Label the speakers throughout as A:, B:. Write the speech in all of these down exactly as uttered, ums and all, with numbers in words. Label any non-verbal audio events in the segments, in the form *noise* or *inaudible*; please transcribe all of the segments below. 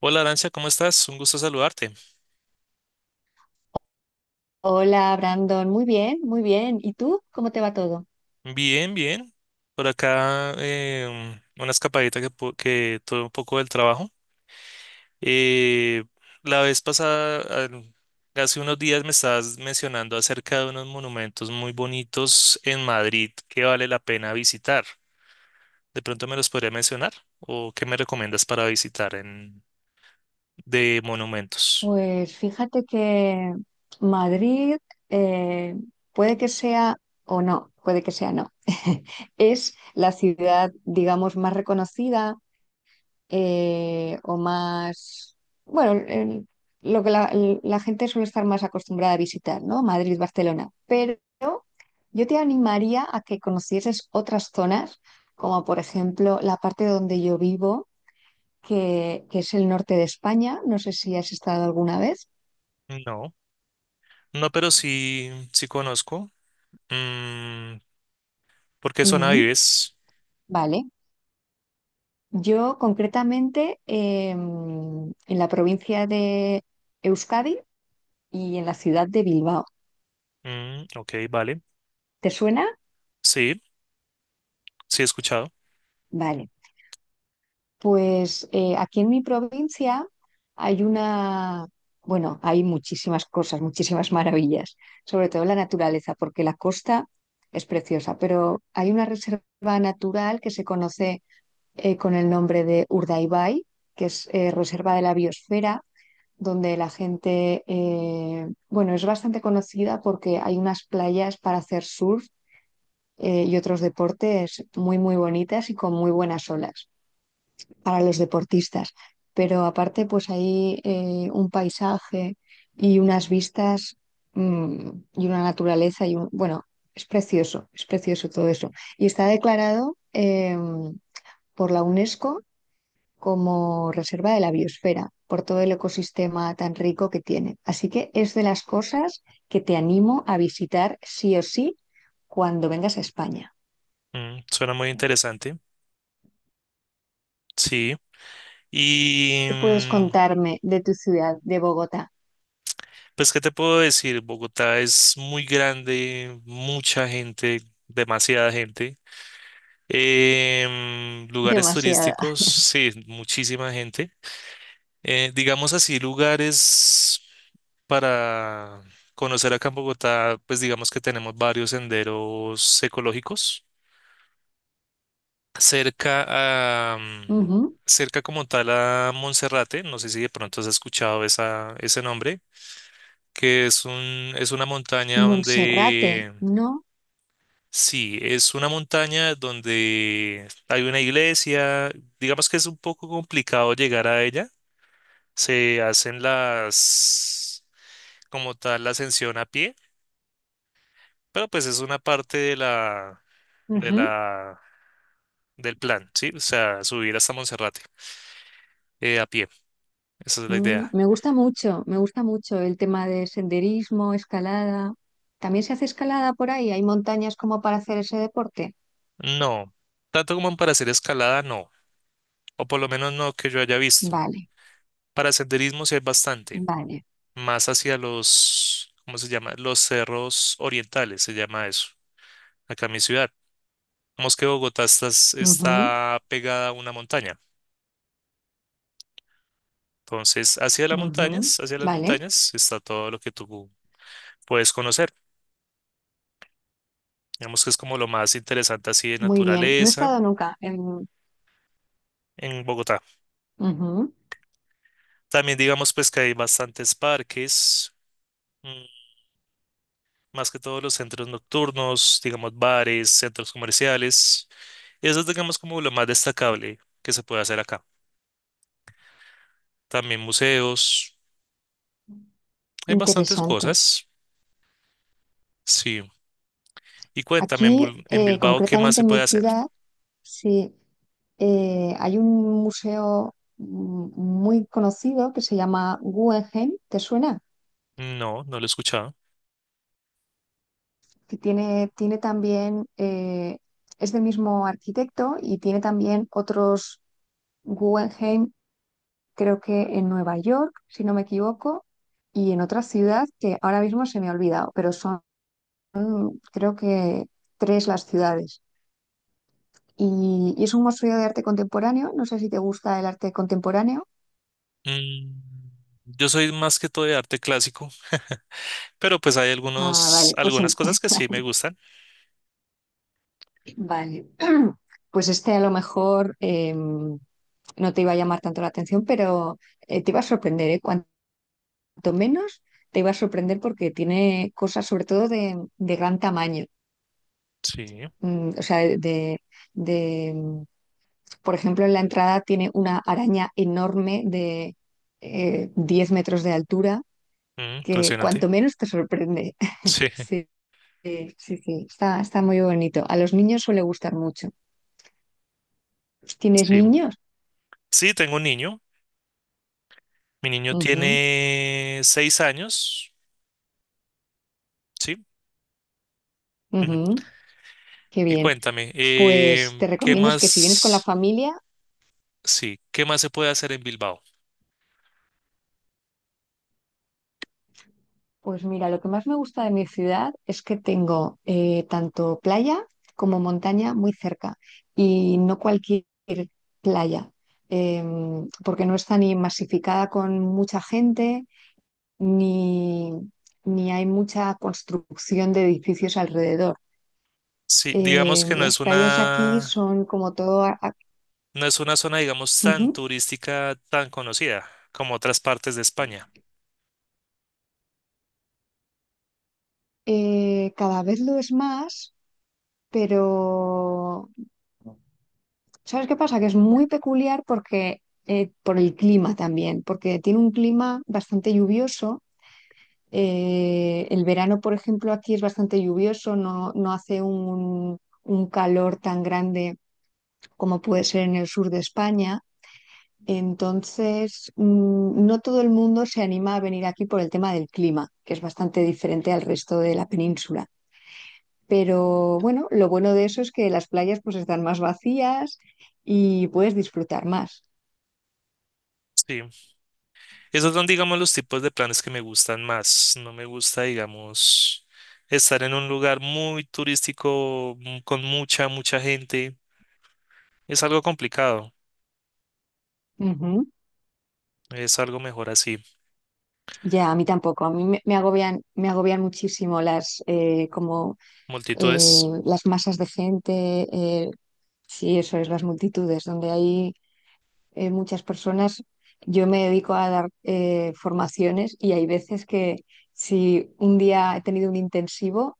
A: Hola Arancia, ¿cómo estás? Un gusto saludarte.
B: Hola, Brandon. Muy bien, muy bien. ¿Y tú? ¿Cómo te va todo?
A: Bien, bien. Por acá em, una escapadita que, pu- que tuve un poco del trabajo. Eh, la vez pasada, al- hace unos días me estabas mencionando acerca de unos monumentos muy bonitos en Madrid que vale la pena visitar. ¿De pronto me los podría mencionar? ¿O qué me recomiendas para visitar en, de monumentos?
B: Pues fíjate que Madrid eh, puede que sea o no, puede que sea no. *laughs* Es la ciudad, digamos, más reconocida eh, o más, bueno, el- lo que la, la gente suele estar más acostumbrada a visitar, ¿no? Madrid, Barcelona. Pero yo te animaría a que conocieses otras zonas, como por ejemplo la parte donde yo vivo que, que es el norte de España. No sé si has estado alguna vez.
A: No, no, pero sí, sí conozco. Mm, ¿por qué zona
B: Ujú,
A: vives?
B: vale. Yo concretamente eh, en la provincia de Euskadi y en la ciudad de Bilbao.
A: Mm, ok, vale.
B: ¿Te suena?
A: Sí, sí he escuchado.
B: Vale. Pues eh, aquí en mi provincia hay una, bueno, hay muchísimas cosas, muchísimas maravillas, sobre todo la naturaleza, porque la costa es preciosa, pero hay una reserva natural que se conoce eh, con el nombre de Urdaibai, que es eh, Reserva de la Biosfera, donde la gente, eh, bueno, es bastante conocida porque hay unas playas para hacer surf eh, y otros deportes muy, muy bonitas y con muy buenas olas para los deportistas. Pero aparte, pues hay eh, un paisaje y unas vistas mm, y una naturaleza y un, bueno, es precioso, es precioso todo eso. Y está declarado em, por la UNESCO como reserva de la biosfera por todo el ecosistema tan rico que tiene. Así que es de las cosas que te animo a visitar sí o sí cuando vengas a España.
A: Mm, suena muy interesante. Sí. Y
B: ¿Qué puedes
A: mm,
B: contarme de tu ciudad, de Bogotá?
A: pues, ¿qué te puedo decir? Bogotá es muy grande, mucha gente, demasiada gente. Em, lugares
B: Demasiada.
A: turísticos, sí, muchísima gente. Eh, digamos así, lugares para conocer acá en Bogotá, pues digamos que tenemos varios senderos ecológicos. cerca a, mm,
B: Ujú.
A: cerca como tal a Monserrate, no sé si de pronto has escuchado esa, ese nombre, que es un, es una montaña
B: Monserrate,
A: donde,
B: ¿no?
A: sí, es una montaña donde hay una iglesia, digamos que es un poco complicado llegar a ella, se hacen las, como tal, la ascensión a pie, pero pues es una parte de la, de
B: Ujú.
A: la, del plan, ¿sí? O sea, subir hasta Monserrate, eh, a pie, esa es la
B: Mm,
A: idea.
B: me gusta mucho, me gusta mucho el tema de senderismo, escalada. ¿También se hace escalada por ahí? ¿Hay montañas como para hacer ese deporte?
A: No, tanto como para hacer escalada, no, o por lo menos no que yo haya visto.
B: Vale,
A: Para senderismo sí hay bastante,
B: vale.
A: más hacia los, ¿cómo se llama? Los cerros orientales, se llama eso, acá en mi ciudad. Como es que Bogotá está,
B: Ujú,
A: está pegada a una montaña, entonces hacia las
B: ujú.
A: montañas, hacia las
B: Vale.
A: montañas está todo lo que tú puedes conocer. Digamos que es como lo más interesante así de
B: Muy bien, no he
A: naturaleza
B: estado nunca en...
A: en Bogotá.
B: Ujú.
A: También digamos pues que hay bastantes parques. mm, más que todos los centros nocturnos, digamos bares, centros comerciales. Eso es, digamos, como lo más destacable que se puede hacer acá. También museos, hay bastantes
B: Interesante.
A: cosas, sí. Y cuéntame, en,
B: Aquí,
A: Bul- en
B: eh,
A: Bilbao, ¿qué más
B: concretamente
A: se
B: en mi
A: puede hacer?
B: ciudad, sí, eh, hay un museo mm, muy conocido que se llama Guggenheim, ¿te suena?
A: No, no lo he escuchado.
B: Que tiene, tiene también, eh, es del mismo arquitecto y tiene también otros Guggenheim, creo que en Nueva York, si no me equivoco, y en otra ciudad que ahora mismo se me ha olvidado, pero son creo que tres las ciudades. Y, y es un museo de arte contemporáneo. No sé si te gusta el arte contemporáneo.
A: Mm, yo soy más que todo de arte clásico, *laughs* pero pues hay
B: Ah,
A: algunos,
B: vale, pues en-
A: algunas cosas que sí me gustan.
B: *laughs* vale. Pues este a lo mejor em, no te iba a llamar tanto la atención, pero eh, te iba a sorprender, ¿eh? Cuanto menos te iba a sorprender porque tiene cosas sobre todo de, de gran tamaño.
A: Sí,
B: Mm, o sea, de, de, mm, por ejemplo, en la entrada tiene una araña enorme de eh, diez metros de altura
A: mm,
B: que
A: impresionante.
B: cuanto menos te sorprende. *laughs*
A: Sí,
B: Sí. Sí, sí, sí, está, está muy bonito. A los niños suele gustar mucho. ¿Tienes
A: *laughs* sí.
B: niños?
A: Sí, tengo un niño. Mi niño
B: Ujú,
A: tiene seis años. Sí. Ujú.
B: ujú, qué
A: Y
B: bien.
A: cuéntame,
B: Pues
A: eh,
B: te
A: ¿qué
B: recomiendo es que si vienes con la
A: más,
B: familia,
A: sí, qué más se puede hacer en Bilbao?
B: pues mira, lo que más me gusta de mi ciudad es que tengo eh, tanto playa como montaña muy cerca y no cualquier playa, em, porque no está ni masificada con mucha gente, ni, ni hay mucha construcción de edificios alrededor.
A: Sí, digamos
B: Eh,
A: que no
B: las
A: es
B: playas aquí
A: una,
B: son como todo... a- a-
A: no es una zona, digamos, tan
B: Ujú.
A: turística, tan conocida como otras partes de España.
B: Eh, cada vez lo es más, pero ¿sabes qué pasa? Que es muy peculiar porque eh, por el clima también, porque tiene un clima bastante lluvioso. Eh, el verano, por ejemplo, aquí es bastante lluvioso, no, no hace un, un calor tan grande como puede ser en el sur de España. Entonces, mm, no todo el mundo se anima a venir aquí por el tema del clima, que es bastante diferente al resto de la península. Pero bueno, lo bueno de eso es que las playas pues están más vacías y puedes disfrutar más.
A: Sí, esos son, digamos, los tipos de planes que me gustan más. No me gusta, digamos, estar en un lugar muy turístico, mm, con mucha, mucha gente. Es algo complicado.
B: Ujú.
A: Es algo mejor así.
B: Ya, a mí tampoco. A mí me, me agobian, me agobian muchísimo las eh, como eh,
A: Multitudes.
B: las masas de gente, eh, sí, eso es, las multitudes, donde hay eh, muchas personas, yo me dedico a dar eh, formaciones y hay veces que si un día he tenido un intensivo,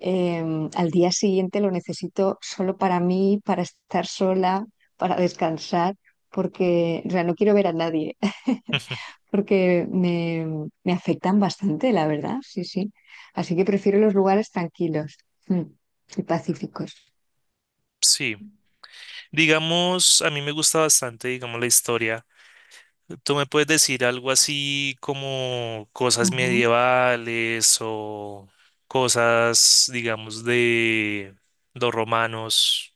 B: eh, al día siguiente lo necesito solo para mí, para estar sola, para descansar, porque o sea, no quiero ver a nadie, *laughs*
A: *laughs*
B: porque me, me afectan bastante, la verdad, sí, sí. Así que prefiero los lugares tranquilos mm, y pacíficos.
A: Sí. Digamos, a mí me gusta bastante, digamos, la historia. ¿Tú me puedes decir algo así como cosas medievales o cosas, digamos, de los romanos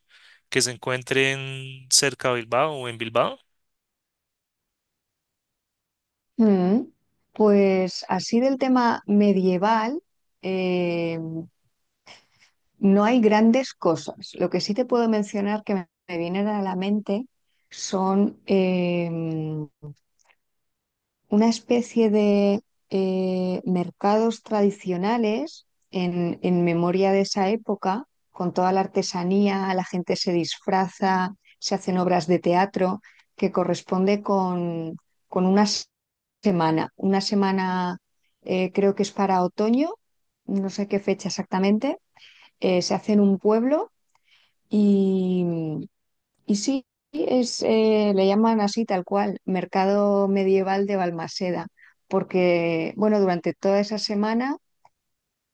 A: que se encuentren cerca de Bilbao o en Bilbao?
B: Mm, pues así del tema medieval, eh, no hay grandes cosas. Lo que sí te puedo mencionar que me, me vienen a la mente son em, una especie de eh, mercados tradicionales en, en memoria de esa época, con toda la artesanía, la gente se disfraza, se hacen obras de teatro, que corresponde con, con una s- semana. Una semana eh, creo que es para otoño, no sé qué fecha exactamente. Eh, se hace en un pueblo y sí, es, eh, le llaman así tal cual, Mercado Medieval de Balmaseda, porque, bueno, durante toda esa semana,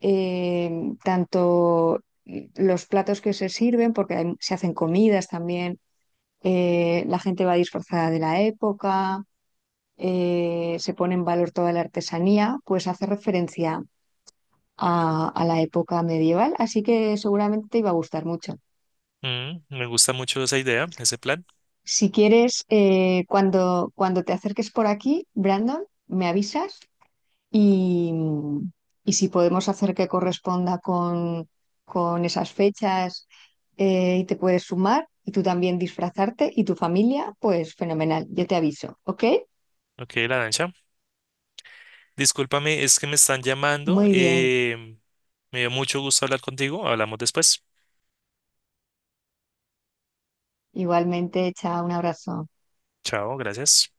B: eh, tanto los platos que se sirven, porque hay- se hacen comidas también, eh, la gente va disfrazada de la época, eh, se pone en valor toda la artesanía, pues hace referencia a, a la época medieval, así que seguramente te iba a gustar mucho.
A: Mm, me gusta mucho esa idea, ese plan.
B: Si quieres, eh, cuando, cuando te acerques por aquí, Brandon, me avisas y, y si podemos hacer que corresponda con, con esas fechas eh, y te puedes sumar y tú también disfrazarte y tu familia, pues fenomenal, yo te aviso, ¿ok?
A: Ok, la danza. Discúlpame, es que me están llamando.
B: Muy bien,
A: eh, me dio mucho gusto hablar contigo. Hablamos después.
B: igualmente, chao, un abrazo.
A: Chao, gracias.